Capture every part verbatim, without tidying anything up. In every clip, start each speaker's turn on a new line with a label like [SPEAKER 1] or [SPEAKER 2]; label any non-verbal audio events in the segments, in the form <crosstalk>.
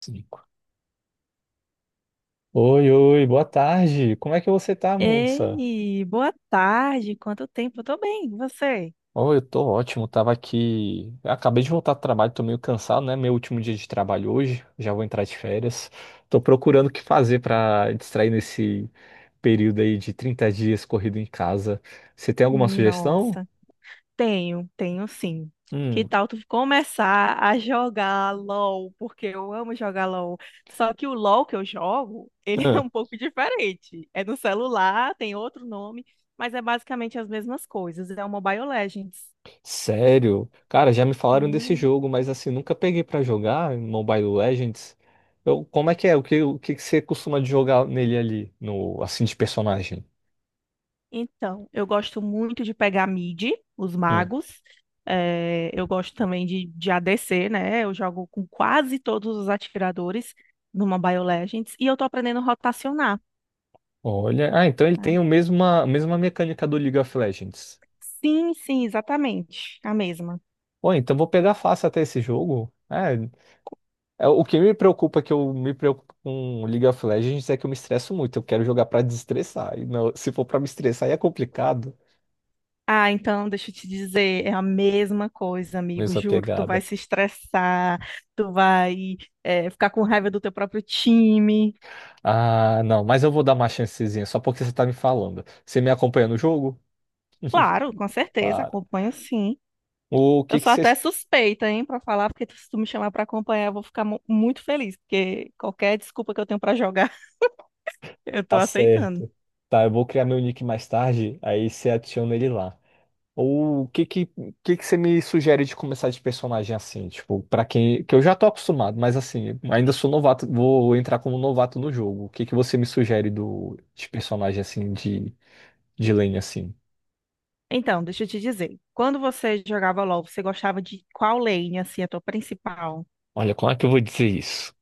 [SPEAKER 1] Cinco. Oi, oi, boa tarde. Como é que você tá, moça?
[SPEAKER 2] Ei, boa tarde. Quanto tempo? Eu tô bem. E você?
[SPEAKER 1] Oh, eu tô ótimo, tava aqui, eu acabei de voltar do trabalho, tô meio cansado, né? Meu último dia de trabalho hoje, já vou entrar de férias. Tô procurando o que fazer pra distrair nesse período aí de trinta dias corrido em casa. Você tem alguma sugestão?
[SPEAKER 2] Nossa, tenho, tenho sim. Que
[SPEAKER 1] Hum.
[SPEAKER 2] tal tu começar a jogar L O L? Porque eu amo jogar L O L. Só que o L O L que eu jogo, ele <laughs> é um pouco diferente. É no celular, tem outro nome, mas é basicamente as mesmas coisas. É o Mobile Legends.
[SPEAKER 1] Sério? Cara, já me falaram desse
[SPEAKER 2] Hum.
[SPEAKER 1] jogo, mas assim, nunca peguei pra jogar em Mobile Legends. Eu, como é que é? O que, o que que você costuma de jogar nele ali, no assim de personagem?
[SPEAKER 2] Então, eu gosto muito de pegar mid, os
[SPEAKER 1] Hum.
[SPEAKER 2] magos. Eh, eu gosto também de, de A D C, né? Eu jogo com quase todos os atiradores numa BioLegends. E eu tô aprendendo a rotacionar.
[SPEAKER 1] Olha, ah, então ele
[SPEAKER 2] Ah,
[SPEAKER 1] tem o mesma, a mesma mecânica do League of Legends.
[SPEAKER 2] sim, sim, exatamente. A mesma.
[SPEAKER 1] Pô, então vou pegar fácil até esse jogo. É, é, o que me preocupa, que eu me preocupo com o League of Legends, é que eu me estresso muito. Eu quero jogar pra desestressar. E não- se for pra me estressar, aí é complicado.
[SPEAKER 2] Ah, então, deixa eu te dizer, é a mesma coisa, amigo.
[SPEAKER 1] Mesma
[SPEAKER 2] Juro, tu vai
[SPEAKER 1] pegada.
[SPEAKER 2] se estressar, tu vai, eh, ficar com raiva do teu próprio time.
[SPEAKER 1] Ah, não, mas eu vou dar uma chancezinha, só porque você tá me falando. Você me acompanha no jogo?
[SPEAKER 2] Claro, com certeza,
[SPEAKER 1] Para.
[SPEAKER 2] acompanho sim.
[SPEAKER 1] O
[SPEAKER 2] Eu
[SPEAKER 1] que que
[SPEAKER 2] sou até
[SPEAKER 1] você.
[SPEAKER 2] suspeita, hein, pra falar, porque se tu me chamar pra acompanhar, eu vou ficar mu- muito feliz, porque qualquer desculpa que eu tenho pra jogar, <laughs> eu tô
[SPEAKER 1] Tá
[SPEAKER 2] aceitando.
[SPEAKER 1] certo. Tá, eu vou criar meu nick mais tarde, aí você adiciona ele lá. O que que, que que você me sugere de começar de personagem assim? Tipo, pra quem. Que eu já tô acostumado, mas assim, ainda sou novato, vou entrar como novato no jogo. O que que você me sugere do, de personagem assim, de, de lane assim?
[SPEAKER 2] Então, deixa eu te dizer, quando você jogava L O L, você gostava de qual lane, assim, a tua principal?
[SPEAKER 1] Olha, como é que eu vou dizer isso?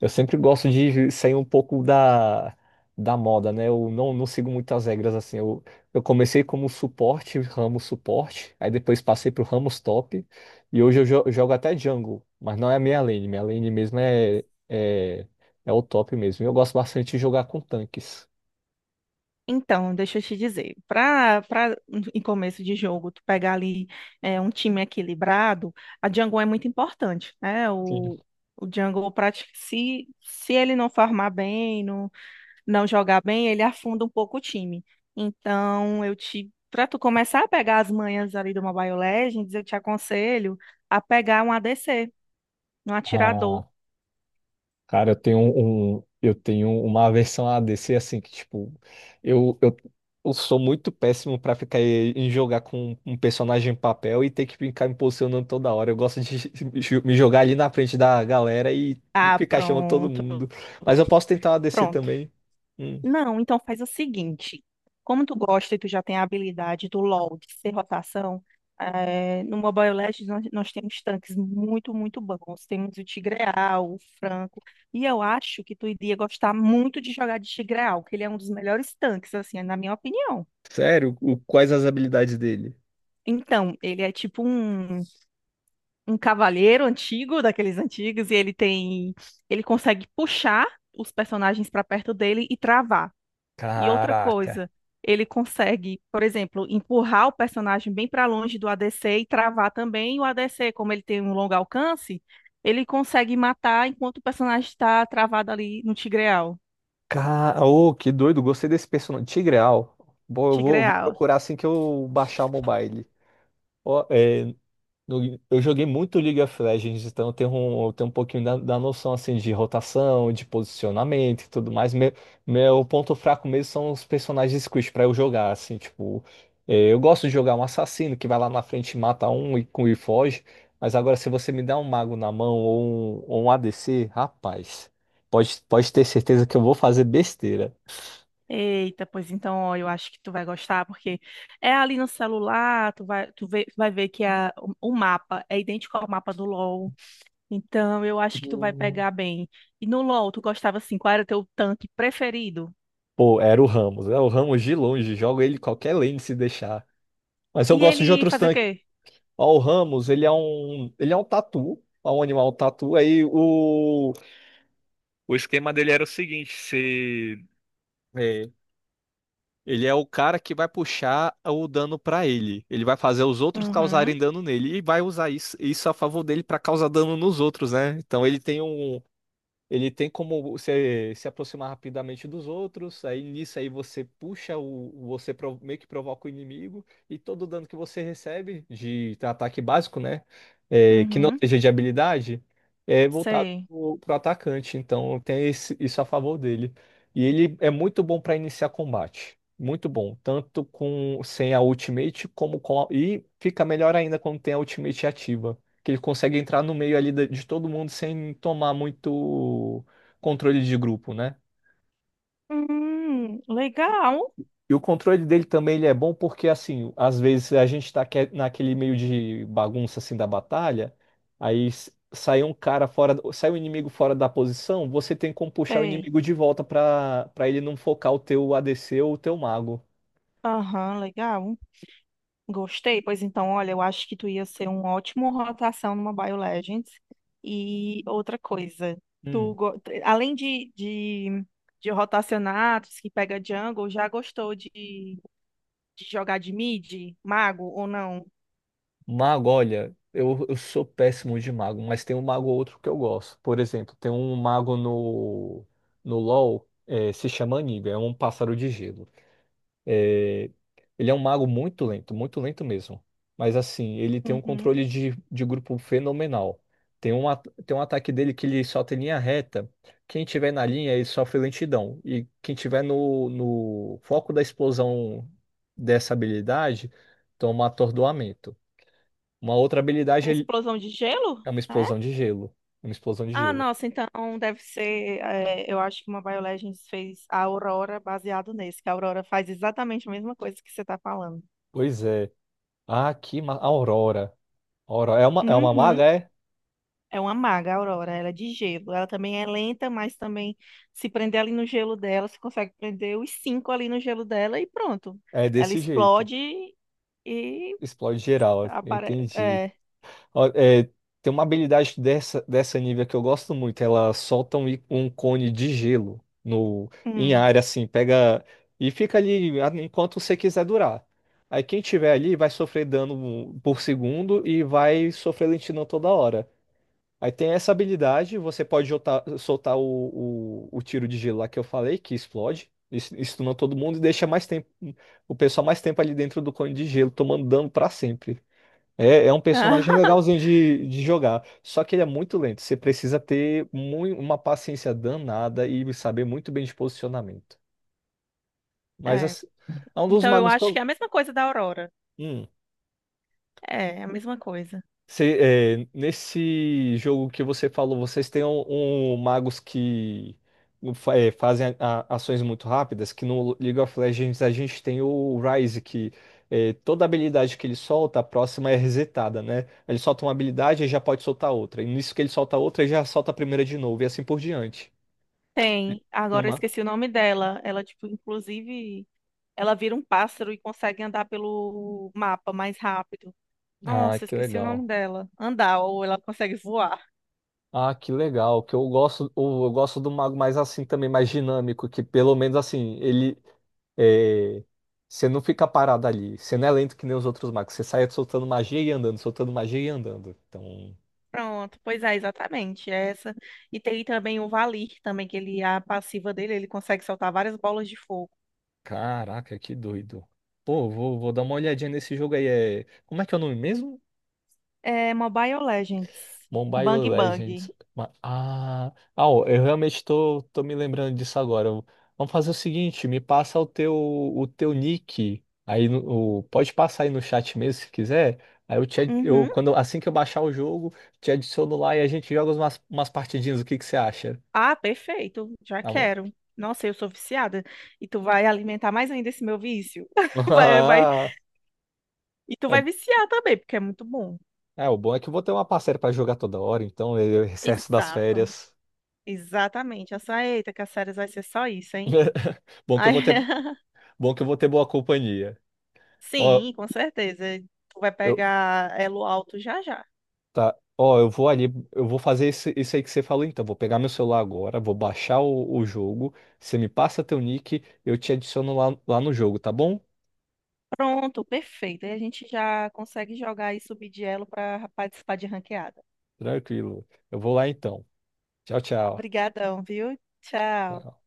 [SPEAKER 1] Eu sempre gosto de sair um pouco da, da moda, né? Eu não, não sigo muitas regras assim. Eu, eu comecei como suporte, ramo suporte, aí depois passei pro ramo top, e hoje eu jo- jogo até jungle, mas não é a minha lane. Minha lane mesmo é, é, é o top mesmo. Eu gosto bastante de jogar com tanques.
[SPEAKER 2] Então, deixa eu te dizer, pra, pra em começo de jogo, tu pegar ali é, um time equilibrado, a jungle é muito importante, né?
[SPEAKER 1] Sim.
[SPEAKER 2] O, o jungle, prati- se, se ele não farmar bem, não não jogar bem, ele afunda um pouco o time. Então, eu te, para tu começar a pegar as manhas ali do Mobile Legends, eu te aconselho a pegar um A D C, um atirador.
[SPEAKER 1] Cara, eu tenho um, um, eu tenho uma aversão a D C assim que tipo, eu, eu, eu sou muito péssimo pra ficar em em jogar com um personagem em papel e ter que ficar me posicionando toda hora. Eu gosto de <laughs> me jogar ali na frente da galera e
[SPEAKER 2] Ah,
[SPEAKER 1] ficar chamando todo
[SPEAKER 2] pronto,
[SPEAKER 1] mundo. Mas eu posso tentar uma D C
[SPEAKER 2] pronto.
[SPEAKER 1] também. Hum,
[SPEAKER 2] Não, então faz o seguinte. Como tu gosta e tu já tem a habilidade do L O L de ser rotação, eh, no Mobile Legends nós, nós temos tanques muito, muito bons. Temos o Tigreal, o Franco. E eu acho que tu iria gostar muito de jogar de Tigreal, que ele é um dos melhores tanques, assim, na minha opinião.
[SPEAKER 1] sério? O- quais as habilidades dele?
[SPEAKER 2] Então, ele é tipo um, um cavaleiro antigo, daqueles antigos, e ele tem, ele consegue puxar os personagens para perto dele e travar. E outra
[SPEAKER 1] Caraca.
[SPEAKER 2] coisa, ele consegue, por exemplo, empurrar o personagem bem para longe do A D C e travar também. E o A D C, como ele tem um longo alcance, ele consegue matar enquanto o personagem está travado ali no Tigreal.
[SPEAKER 1] Cara, ô, que doido, gostei desse personagem. Tigreal. Bom, eu vou, eu vou
[SPEAKER 2] Tigreal.
[SPEAKER 1] procurar assim que eu baixar o mobile. Ó, é, no- eu joguei muito League of Legends, então eu tenho um, eu tenho um pouquinho da, da noção assim de rotação, de posicionamento e tudo mais. Meu, meu ponto fraco mesmo são os personagens squishy pra eu jogar, assim, tipo, é, eu gosto de jogar um assassino que vai lá na frente e mata um e, e foge, mas agora se você me dá um mago na mão ou um, ou um A D C, rapaz, pode, pode ter certeza que eu vou fazer besteira.
[SPEAKER 2] Eita, pois então, ó, eu acho que tu vai gostar, porque é ali no celular, tu vai, tu vê- vai ver que a, o o mapa é idêntico ao mapa do L O L. Então, eu acho que tu vai
[SPEAKER 1] Hum.
[SPEAKER 2] pegar bem. E no L O L, tu gostava assim, qual era teu tanque preferido?
[SPEAKER 1] Pô, era o Ramos. É o Ramos de longe. Jogo ele em qualquer lane se deixar. Mas eu
[SPEAKER 2] E
[SPEAKER 1] gosto de
[SPEAKER 2] ele
[SPEAKER 1] outros.
[SPEAKER 2] fazia o quê?
[SPEAKER 1] Ó, o Ramos, ele é um, ele é um, tatu, é um animal tatu. Aí o, o esquema dele era o seguinte, se é, ele é o cara que vai puxar o dano pra ele. Ele vai fazer os outros
[SPEAKER 2] Uhum,
[SPEAKER 1] causarem dano nele e vai usar isso, isso a favor dele pra causar dano nos outros, né? Então ele tem um ele tem como se se aproximar rapidamente dos outros, aí nisso aí você puxa o, você pro- meio que provoca o inimigo e todo o dano que você recebe de ataque básico, né, é, que não
[SPEAKER 2] uhum,
[SPEAKER 1] seja de habilidade, é voltado
[SPEAKER 2] sei.
[SPEAKER 1] pro, pro atacante. Então tem esse- isso a favor dele. E ele é muito bom para iniciar combate, muito bom, tanto com sem a ultimate como com a, e fica melhor ainda quando tem a ultimate ativa que ele consegue entrar no meio ali da- de todo mundo sem tomar muito controle de grupo, né?
[SPEAKER 2] Hum, legal.
[SPEAKER 1] E o controle dele também ele é bom porque, assim, às vezes a gente tá que- naquele meio de bagunça, assim, da batalha, aí s- sai um cara fora, do- sai um inimigo fora da posição, você tem como puxar o
[SPEAKER 2] Sei.
[SPEAKER 1] inimigo de volta pra para ele não focar o teu A D C ou o teu mago.
[SPEAKER 2] Aham, legal. Gostei, pois então, olha, eu acho que tu ia ser um ótimo rotação numa BioLegends. E outra coisa, tu
[SPEAKER 1] Hum.
[SPEAKER 2] go- além de, de, de rotacionar, tu disse que pega jungle, já gostou de, de jogar de mid, mago ou não?
[SPEAKER 1] Mago, olha, eu, eu sou péssimo de mago, mas tem um mago ou outro que eu gosto. Por exemplo, tem um mago no, no LoL, eh, se chama Aniga, é um pássaro de gelo. Eh, Ele é um mago muito lento, muito lento mesmo. Mas assim, ele tem um
[SPEAKER 2] Uhum.
[SPEAKER 1] controle de, de grupo fenomenal. Tem um, at- tem um ataque dele que ele solta em linha reta. Quem tiver na linha, ele sofre lentidão. E quem tiver no, no foco da explosão dessa habilidade, toma atordoamento. Uma outra habilidade
[SPEAKER 2] A
[SPEAKER 1] é
[SPEAKER 2] explosão de gelo?
[SPEAKER 1] é uma
[SPEAKER 2] É?
[SPEAKER 1] explosão de gelo. Uma explosão de
[SPEAKER 2] Ah,
[SPEAKER 1] gelo.
[SPEAKER 2] nossa, então deve ser. É, eu acho que uma BioLegends fez a Aurora baseado nesse, que a Aurora faz exatamente a mesma coisa que você está falando.
[SPEAKER 1] Pois é. Ah, que ma... Aurora. Aurora. É uma, é uma
[SPEAKER 2] Uhum.
[SPEAKER 1] maga, é?
[SPEAKER 2] É uma maga, a Aurora. Ela é de gelo. Ela também é lenta, mas também se prender ali no gelo dela, você consegue prender os cinco ali no gelo dela e pronto.
[SPEAKER 1] É
[SPEAKER 2] Ela
[SPEAKER 1] desse jeito.
[SPEAKER 2] explode e
[SPEAKER 1] Explode geral.
[SPEAKER 2] aparece.
[SPEAKER 1] Entendi.
[SPEAKER 2] É.
[SPEAKER 1] Ó, é, tem uma habilidade dessa, dessa nível que eu gosto muito. Ela solta um, í- um cone de gelo no, em
[SPEAKER 2] Hum.
[SPEAKER 1] área, assim. Pega e fica ali a- enquanto você quiser durar. Aí quem tiver ali vai sofrer dano por segundo e vai sofrer lentidão toda hora. Aí tem essa habilidade, você pode jotar- soltar o, o, o tiro de gelo lá que eu falei, que explode, isso estuna todo mundo e deixa mais tempo, o pessoal mais tempo ali dentro do cone de gelo, tomando dano pra sempre. É, é um personagem
[SPEAKER 2] <laughs>
[SPEAKER 1] legalzinho de, de jogar, só que ele é muito lento, você precisa ter mui- uma paciência danada e saber muito bem de posicionamento. Mas
[SPEAKER 2] É.
[SPEAKER 1] assim, é um dos
[SPEAKER 2] Então eu
[SPEAKER 1] magos que
[SPEAKER 2] acho que
[SPEAKER 1] eu.
[SPEAKER 2] é a mesma coisa da Aurora.
[SPEAKER 1] Hum.
[SPEAKER 2] É, é a mesma coisa.
[SPEAKER 1] Cê- é, Nesse jogo que você falou, vocês têm um, um magos que fa- é, fazem a- a- ações muito rápidas, que no League of Legends a gente tem o Ryze, que é, toda habilidade que ele solta, a próxima é resetada, né? Ele solta uma habilidade e já pode soltar outra. E nisso que ele solta outra, ele já solta a primeira de novo, e assim por diante.
[SPEAKER 2] Tem.
[SPEAKER 1] Tem
[SPEAKER 2] Agora eu
[SPEAKER 1] uma...
[SPEAKER 2] esqueci o nome dela. Ela, tipo, inclusive, ela vira um pássaro e consegue andar pelo mapa mais rápido.
[SPEAKER 1] Ah,
[SPEAKER 2] Nossa, eu
[SPEAKER 1] que
[SPEAKER 2] esqueci o nome
[SPEAKER 1] legal.
[SPEAKER 2] dela. Andar, ou ela consegue voar.
[SPEAKER 1] Ah, que legal, que eu gosto, eu eu gosto do mago mais assim também, mais dinâmico, que pelo menos assim, ele É, você não fica parado ali. Você não é lento que nem os outros magos. Você sai soltando magia e andando, soltando magia e andando. Então,
[SPEAKER 2] Pronto, pois é, exatamente, é essa. E tem também o Valir também, que ele, a passiva dele, ele consegue soltar várias bolas de fogo.
[SPEAKER 1] caraca, que doido. Pô, vou, vou dar uma olhadinha nesse jogo aí. É... Como é que é o nome mesmo?
[SPEAKER 2] É Mobile Legends.
[SPEAKER 1] Mobile
[SPEAKER 2] Bang
[SPEAKER 1] Legends.
[SPEAKER 2] Bang.
[SPEAKER 1] Ma- Ah, ah, ó, eu realmente tô, tô me lembrando disso agora. Eu- Vamos fazer o seguinte, me passa o teu, o teu nick aí no, o- pode passar aí no chat mesmo se quiser. Aí eu te, ad- eu
[SPEAKER 2] Uhum.
[SPEAKER 1] quando assim que eu baixar o jogo, te adiciono lá e a gente joga umas, umas partidinhas. O que que você acha?
[SPEAKER 2] Ah, perfeito. Já
[SPEAKER 1] Tá bom?
[SPEAKER 2] quero. Nossa, eu sou viciada. E tu vai alimentar mais ainda esse meu vício.
[SPEAKER 1] <laughs>
[SPEAKER 2] <laughs> Vai, vai.
[SPEAKER 1] Ah,
[SPEAKER 2] E tu
[SPEAKER 1] É,
[SPEAKER 2] vai viciar também, porque é muito bom.
[SPEAKER 1] é, o bom é que eu vou ter uma parceira pra jogar toda hora, então eu recesso das
[SPEAKER 2] Exato.
[SPEAKER 1] férias.
[SPEAKER 2] Exatamente. Essa, eita, que as séries vai ser só isso, hein?
[SPEAKER 1] <laughs> Bom que eu
[SPEAKER 2] Aí,
[SPEAKER 1] vou ter,
[SPEAKER 2] <laughs>
[SPEAKER 1] bom que eu vou ter boa companhia. Ó,
[SPEAKER 2] sim, com certeza. Tu vai
[SPEAKER 1] eu
[SPEAKER 2] pegar elo alto já já.
[SPEAKER 1] Tá. Ó, eu vou ali, eu vou fazer esse- isso aí que você falou, então. Vou pegar meu celular agora, vou baixar o, o jogo. Você me passa teu nick, eu te adiciono lá, lá no jogo, tá bom?
[SPEAKER 2] Pronto, perfeito. Aí a gente já consegue jogar e subir de elo para participar de ranqueada.
[SPEAKER 1] Tranquilo. Eu vou lá então. Tchau, tchau.
[SPEAKER 2] Obrigadão, viu? Tchau.
[SPEAKER 1] Tchau.